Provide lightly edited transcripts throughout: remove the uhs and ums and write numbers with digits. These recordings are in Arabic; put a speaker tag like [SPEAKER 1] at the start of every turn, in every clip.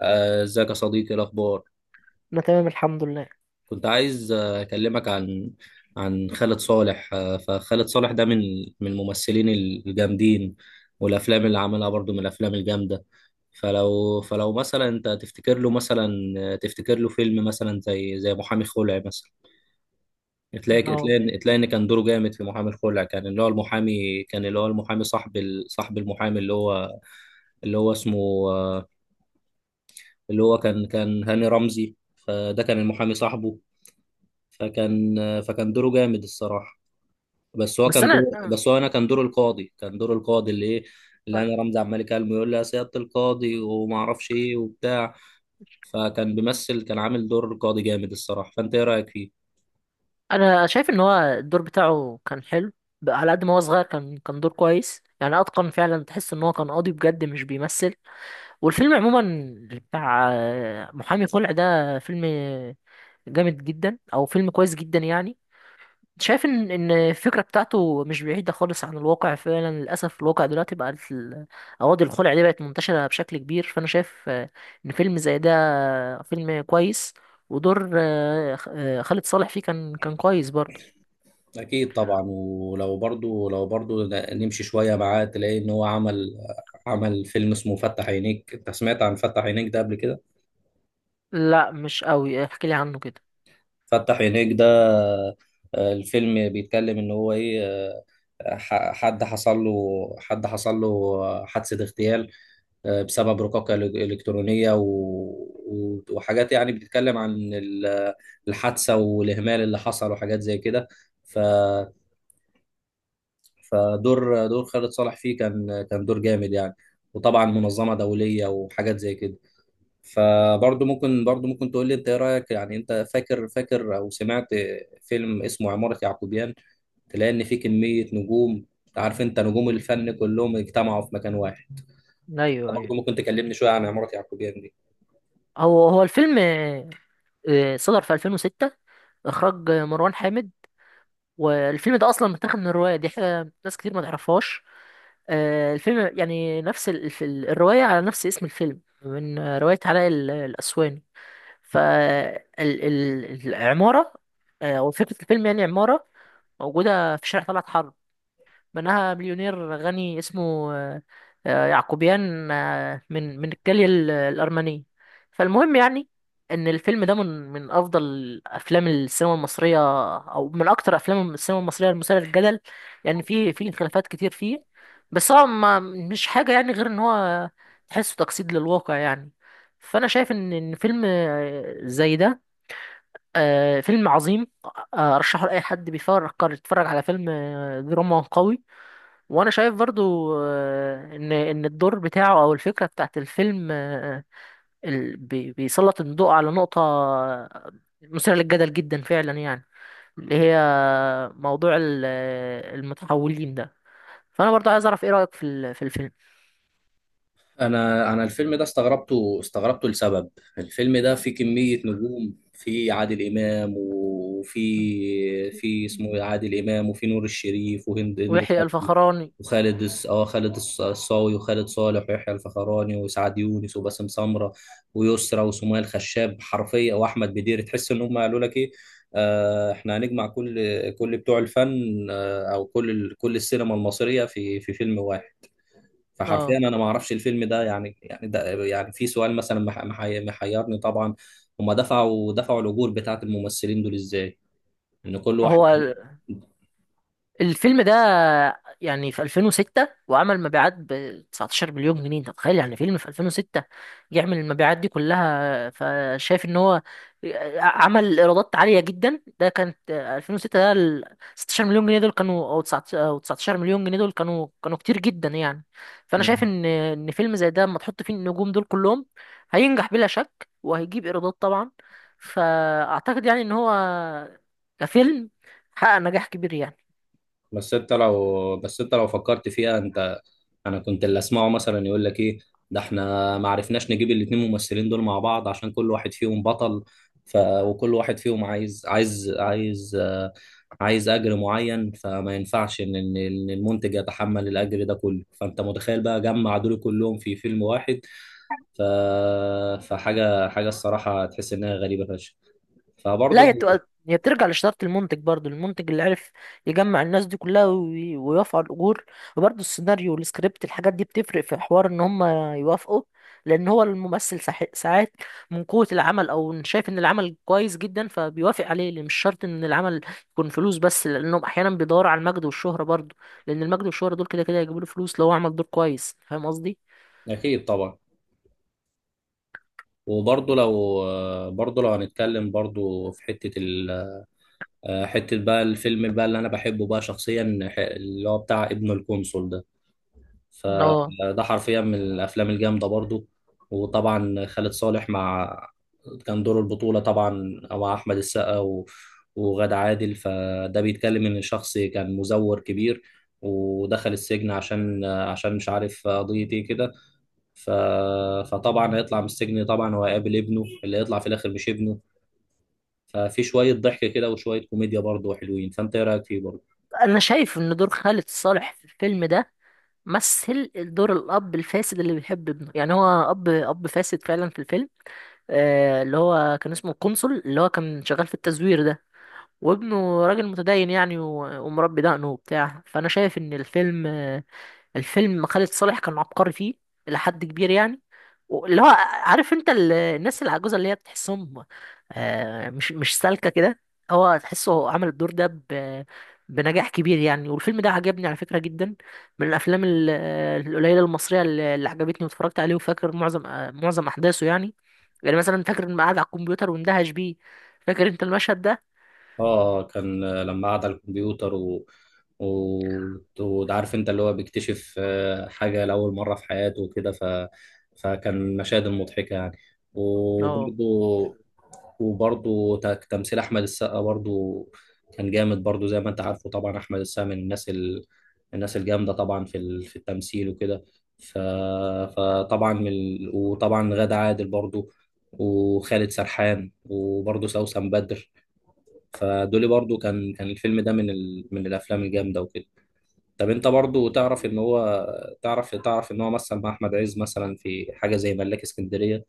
[SPEAKER 1] ازيك يا صديقي؟ إيه الاخبار؟
[SPEAKER 2] انا تمام الحمد لله.
[SPEAKER 1] كنت عايز اكلمك عن خالد صالح، فخالد صالح ده من الممثلين الجامدين، والافلام اللي عملها برضو من الافلام الجامده. فلو مثلا انت تفتكر له مثلا، تفتكر له فيلم مثلا زي محامي خلع مثلا. تلاقي
[SPEAKER 2] اه لا.
[SPEAKER 1] تلاقي تلاقي ان كان دوره جامد في محامي الخلع، كان اللي هو المحامي صاحب صاحب المحامي، اللي هو اسمه آه، اللي هو كان هاني رمزي. فده كان المحامي صاحبه، فكان فكان دوره جامد الصراحه.
[SPEAKER 2] بس انا
[SPEAKER 1] بس هو انا كان دور القاضي اللي ايه، اللي انا رمزي عمال يكلمه يقول لي يا سياده القاضي وما اعرفش ايه وبتاع. فكان بيمثل، كان عامل دور قاضي جامد الصراحه. فانت ايه رايك فيه؟
[SPEAKER 2] انا شايف ان هو الدور بتاعه كان حلو، بقى على قد ما هو صغير كان دور كويس، يعني اتقن فعلا، تحس ان هو كان قاضي بجد مش بيمثل. والفيلم عموما بتاع محامي خلع ده فيلم جامد جدا، او فيلم كويس جدا يعني. شايف ان الفكره بتاعته مش بعيده خالص عن الواقع، فعلا للاسف الواقع دلوقتي بقى ال- قواضي الخلع دي بقت منتشره بشكل كبير، فانا شايف ان فيلم زي ده فيلم كويس، ودور خالد صالح فيه كان كويس برضه.
[SPEAKER 1] اكيد طبعا. ولو برضو نمشي شويه معاه، تلاقي ان هو عمل فيلم اسمه فتح عينيك. انت سمعت عن فتح عينيك ده قبل كده؟
[SPEAKER 2] لا، مش قوي، احكي لي عنه كده.
[SPEAKER 1] فتح عينيك ده، الفيلم بيتكلم ان هو ايه، حد حصل له حادثة اغتيال، بسبب رقاقة إلكترونية وحاجات يعني بتتكلم عن الحادثة والإهمال اللي حصل وحاجات زي كده. ف... فدور خالد صالح فيه كان دور جامد يعني، وطبعا منظمة دولية وحاجات زي كده. فبرضه ممكن تقول لي انت ايه رأيك يعني، انت فاكر او سمعت فيلم اسمه عمارة يعقوبيان؟ تلاقي ان في كميه نجوم، عارف انت، نجوم الفن كلهم اجتمعوا في مكان واحد.
[SPEAKER 2] ايوه
[SPEAKER 1] انت
[SPEAKER 2] ايوه،
[SPEAKER 1] برضه ممكن تكلمني شويه عن عماره يعقوبيان دي؟
[SPEAKER 2] هو الفيلم صدر في 2006، اخراج مروان حامد. والفيلم ده اصلا متاخد من الروايه دي، حاجه ناس كتير ما تعرفهاش. الفيلم يعني نفس ال- الف- الروايه على نفس اسم الفيلم، من روايه علاء ال- الاسواني. فالعماره او فكره الفيلم يعني عماره موجوده في شارع طلعت حرب، بناها مليونير غني اسمه يعقوبيان، من الجالية ال- الأرمنية. فالمهم يعني إن الفيلم ده من أفضل أفلام السينما المصرية، أو من أكتر أفلام السينما المصرية المثيرة للجدل، يعني في خلافات كتير فيه، بس هو ما مش حاجة يعني غير إن هو تحسه تجسيد للواقع يعني. فأنا شايف إن فيلم زي ده فيلم عظيم، أرشحه لأي حد بيفكر يتفرج على فيلم دراما قوي. وانا شايف برضو ان الدور بتاعه او الفكره بتاعت الفيلم ال- بي- بيسلط الضوء على نقطه مثيره للجدل جدا فعلا، يعني اللي هي موضوع ال- المتحولين ده. فانا برضو عايز اعرف ايه رايك في ال- في الفيلم.
[SPEAKER 1] انا الفيلم ده استغربته لسبب. الفيلم ده فيه كمية نجوم، في عادل امام، وفي اسمه إيه؟ عادل امام، وفي نور الشريف، وهند هند
[SPEAKER 2] ويحيى
[SPEAKER 1] صبري،
[SPEAKER 2] الفخراني.
[SPEAKER 1] وخالد الص- اه خالد الص- الصاوي، وخالد صالح، ويحيى الفخراني، وسعد يونس، وباسم سمرة، ويسرى، وسمية الخشاب، حرفيا، واحمد بدير. تحس ان هم قالوا لك ايه؟ احنا هنجمع كل بتوع الفن، او كل السينما المصرية في فيلم واحد. فحرفيا
[SPEAKER 2] اه،
[SPEAKER 1] انا ما اعرفش الفيلم ده يعني، ده يعني في سؤال مثلا محيرني طبعا. هما دفعوا الاجور بتاعت الممثلين دول ازاي؟ ان كل واحد.
[SPEAKER 2] هو الفيلم ده يعني في 2006 وعمل مبيعات ب 19 مليون جنيه، انت متخيل يعني فيلم في 2006 يعمل المبيعات دي كلها؟ فشايف ان هو عمل ايرادات عاليه جدا، ده كانت 2006، ده ال 16 مليون جنيه دول كانوا، او 19 أو 19 مليون جنيه دول، كانوا كتير جدا يعني. فانا شايف ان فيلم زي ده اما تحط فيه النجوم دول كلهم هينجح بلا شك، وهيجيب ايرادات طبعا، فاعتقد يعني ان هو كفيلم حقق نجاح كبير يعني.
[SPEAKER 1] بس انت لو فكرت فيها انت، انا كنت اللي اسمعه مثلا يقول لك ايه: ده احنا ما عرفناش نجيب الاتنين ممثلين دول مع بعض عشان كل واحد فيهم بطل. وكل واحد فيهم عايز اجر معين، فما ينفعش ان ان إن المنتج يتحمل الاجر ده كله. فانت متخيل بقى جمع دول كلهم في فيلم واحد؟ ف... فحاجه الصراحه تحس انها غريبه فشخ.
[SPEAKER 2] لا،
[SPEAKER 1] فبرضه
[SPEAKER 2] هي
[SPEAKER 1] لو.
[SPEAKER 2] بتبقى هي بترجع لشطارة المنتج، برضو المنتج اللي عرف يجمع الناس دي كلها وي- ويوافقوا على الأجور، وبرضو السيناريو والسكريبت الحاجات دي بتفرق في حوار إن هم يوافقوا، لأن هو الممثل ساح- ساعات من قوة العمل أو إن شايف إن العمل كويس جدا فبيوافق عليه، لأن مش شرط إن العمل يكون فلوس بس، لأنهم أحيانا بيدوروا على المجد والشهرة برضو، لأن المجد والشهرة دول كده كده هيجيبوا له فلوس لو هو عمل دور كويس، فاهم قصدي؟
[SPEAKER 1] اكيد طبعا. وبرضه لو هنتكلم برضه في حتة بقى الفيلم بقى اللي أنا بحبه بقى شخصيا، اللي هو بتاع ابن القنصل ده،
[SPEAKER 2] اه،
[SPEAKER 1] فده حرفيا من الأفلام الجامدة برضه. وطبعا خالد صالح، كان دور البطولة طبعا مع أحمد السقا وغادة عادل. فده بيتكلم إن شخص كان مزور كبير ودخل السجن عشان مش عارف قضية إيه كده. ف... فطبعا هيطلع من السجن، طبعا هو هيقابل ابنه اللي هيطلع في الاخر مش ابنه. ففي شويه ضحك كده وشويه كوميديا برضه حلوين. فانت ايه رايك فيه برضه؟
[SPEAKER 2] انا شايف ان دور خالد صالح في الفيلم ده مثل دور الاب الفاسد اللي بيحب ابنه، يعني هو اب فاسد فعلا في الفيلم. آه اللي هو كان اسمه القنصل، اللي هو كان شغال في التزوير ده، وابنه راجل متدين يعني و- ومربي دقنه وبتاع. فانا شايف ان الفيلم خالد صالح كان عبقري فيه الى حد كبير يعني، اللي هو عارف انت ال- الناس العجوزه اللي هي بتحسهم مش سالكه كده. هو تحسه هو عمل الدور ده ب- بنجاح كبير يعني، والفيلم ده عجبني على فكره جدا، من الافلام ال- القليله المصريه اللي عجبتني واتفرجت عليه، وفاكر معظم احداثه يعني، يعني مثلا فاكر اني قاعد على الكمبيوتر واندهش بيه، فاكر انت المشهد ده؟
[SPEAKER 1] اه، كان، لما قعد على الكمبيوتر وعارف انت، اللي هو بيكتشف حاجة لأول مرة في حياته وكده. فكان مشاهد مضحكة يعني.
[SPEAKER 2] اه،
[SPEAKER 1] وبرضه وبرضه تمثيل أحمد السقا برضه كان جامد برضه زي ما أنت عارفه. طبعا أحمد السقا من الناس الناس الجامدة طبعا في في التمثيل وكده. ف... فطبعا من ال... وطبعا غادة عادل برضه، وخالد سرحان، وبرضه سوسن بدر. فدولي برضو كان الفيلم ده من من الافلام الجامده وكده. طب انت برضو تعرف ان هو مثل مع احمد عز مثلا في حاجه زي ملاك اسكندريه؟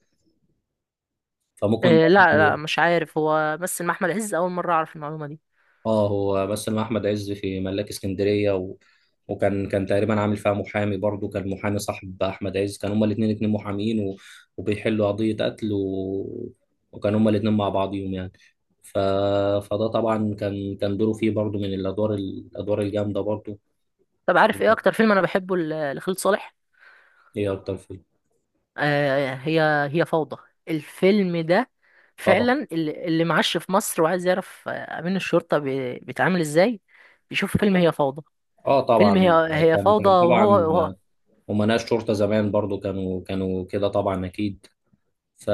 [SPEAKER 1] فممكن
[SPEAKER 2] إيه، لا لا
[SPEAKER 1] برضو.
[SPEAKER 2] مش عارف، هو بس مع احمد عز اول مره اعرف المعلومه دي.
[SPEAKER 1] اه، هو مثل مع احمد عز في ملاك اسكندريه وكان تقريبا عامل فيها محامي برضو، كان محامي صاحب احمد عز، كان هما الاثنين اتنين محامين وبيحلوا قضيه قتل وكان هما الاثنين مع بعضيهم يعني. ف... فده طبعا كان دوره فيه برضو من الادوار الجامده برضو.
[SPEAKER 2] طب، عارف ايه اكتر فيلم انا بحبه ل- لخالد صالح؟
[SPEAKER 1] ايه اكتر فيلم؟
[SPEAKER 2] آه هي هي فوضى، الفيلم ده
[SPEAKER 1] طبعا،
[SPEAKER 2] فعلا، اللي معاش في مصر وعايز يعرف امين الشرطه بي- بيتعامل ازاي بيشوف فيلم هي فوضى.
[SPEAKER 1] اه
[SPEAKER 2] فيلم هي
[SPEAKER 1] طبعا.
[SPEAKER 2] هي
[SPEAKER 1] كان
[SPEAKER 2] فوضى،
[SPEAKER 1] كان
[SPEAKER 2] وهو,
[SPEAKER 1] طبعا
[SPEAKER 2] وهو
[SPEAKER 1] امناء شرطه زمان برضو كانوا كده طبعا اكيد. ف...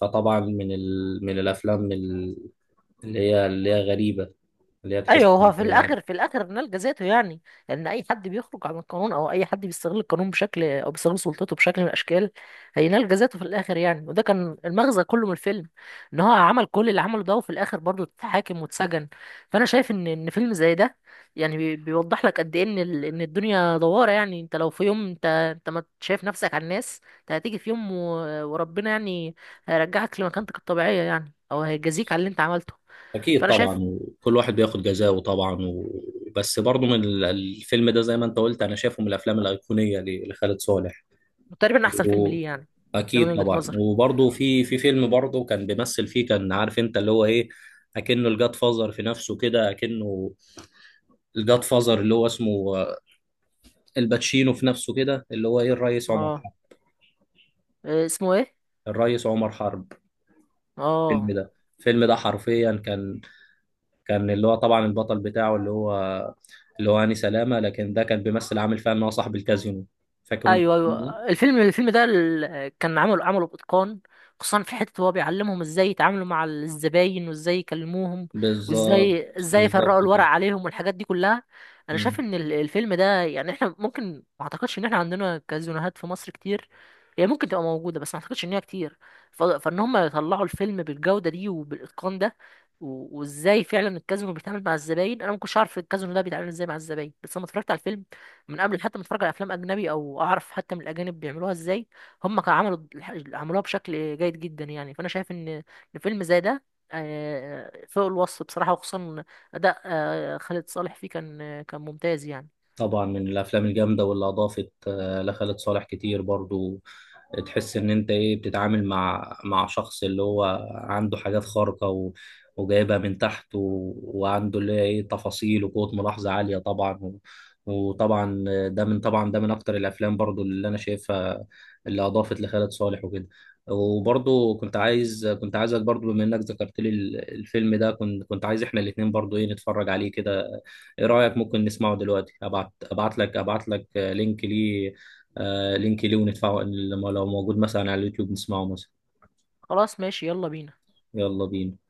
[SPEAKER 1] فطبعا من من الافلام اللي هي غريبه، اللي هي تحس
[SPEAKER 2] ايوه، هو
[SPEAKER 1] إن
[SPEAKER 2] في
[SPEAKER 1] هي-
[SPEAKER 2] الاخر في الاخر نلجا ذاته يعني، لان اي حد بيخرج عن القانون او اي حد بيستغل القانون بشكل، او بيستغل سلطته بشكل من الاشكال، هينلجا ذاته في الاخر يعني، وده كان المغزى كله من الفيلم، ان هو عمل كل اللي عمله ده وفي الاخر برضه اتحاكم واتسجن. فانا شايف ان فيلم زي ده يعني بي- بيوضح لك قد ايه ان ال- ان الدنيا دواره يعني، انت لو في يوم انت ما شايف نفسك على الناس، انت هتيجي في يوم و- وربنا يعني هيرجعك لمكانتك الطبيعيه يعني، او هيجازيك على اللي انت عملته.
[SPEAKER 1] اكيد
[SPEAKER 2] فانا شايف
[SPEAKER 1] طبعا. وكل واحد بياخد جزاؤه طبعا و. بس برضو من الفيلم ده زي ما انت قلت، انا شايفه من الافلام الايقونيه لخالد صالح.
[SPEAKER 2] تقريبا احسن فيلم ليه يعني، ده من
[SPEAKER 1] واكيد
[SPEAKER 2] وجهة
[SPEAKER 1] طبعا.
[SPEAKER 2] نظري.
[SPEAKER 1] وبرضه في فيلم برضه كان بيمثل فيه، كان عارف انت اللي هو ايه؟ اكنه الجاد فازر في نفسه كده، اكنه الجاد فازر اللي هو اسمه الباتشينو في نفسه كده، اللي هو ايه؟ الريس عمر
[SPEAKER 2] اه،
[SPEAKER 1] حرب.
[SPEAKER 2] إيه اسمه ايه؟
[SPEAKER 1] الريس عمر حرب. الفيلم
[SPEAKER 2] اه،
[SPEAKER 1] ده الفيلم ده حرفيا كان اللي هو طبعا البطل بتاعه اللي هو هاني سلامة، لكن ده كان بيمثل عامل فيها ان هو صاحب الكازينو. فاكر انت
[SPEAKER 2] ايوه
[SPEAKER 1] الفيلم ده؟
[SPEAKER 2] ايوه، الفيلم ده ال- كان عمله باتقان، خصوصا في حته هو بيعلمهم ازاي يتعاملوا مع الزباين وازاي يكلموهم،
[SPEAKER 1] بالظبط.
[SPEAKER 2] وازاي يفرقوا
[SPEAKER 1] بالظبط
[SPEAKER 2] الورق
[SPEAKER 1] كده.
[SPEAKER 2] عليهم والحاجات دي كلها. انا شايف ان ال- الفيلم ده يعني احنا ممكن ما اعتقدش ان احنا عندنا كازينوهات في مصر كتير، هي ممكن تبقى موجوده بس ما اعتقدش ان هي كتير، ف- فان هم يطلعوا الفيلم بالجوده دي وبالاتقان ده، و- وازاي فعلا الكازينو بيتعامل مع الزباين، انا ما كنتش عارف الكازينو ده بيتعامل ازاي مع الزباين بس لما اتفرجت على الفيلم من قبل حتى ما اتفرج على افلام اجنبي او اعرف حتى من الاجانب بيعملوها ازاي، هم كانوا عملوا الح- عملوها بشكل جيد جدا يعني. فانا شايف ان فيلم زي ده فوق الوصف بصراحة، وخصوصا اداء خالد صالح فيه كان ممتاز يعني.
[SPEAKER 1] طبعا من الافلام الجامده واللي اضافت لخالد صالح كتير برضو. تحس ان انت ايه بتتعامل مع شخص اللي هو عنده حاجات خارقة وجايبها من تحت وعنده اللي هي ايه تفاصيل وقوة ملاحظة عالية طبعا وطبعا ده من طبعا ده من اكتر الافلام برضو اللي انا شايفها اللي اضافت لخالد صالح وكده. وبرضو كنت عايزك برضو، بما انك ذكرت لي الفيلم ده، كنت عايز احنا الاتنين برضو ايه نتفرج عليه كده. ايه رأيك؟ ممكن نسمعه دلوقتي؟ ابعت لك لينك ليه. لينك ليه وندفعه، لما لو موجود مثلا على اليوتيوب نسمعه مثلا.
[SPEAKER 2] خلاص، ماشي، يلا بينا.
[SPEAKER 1] يلا بينا.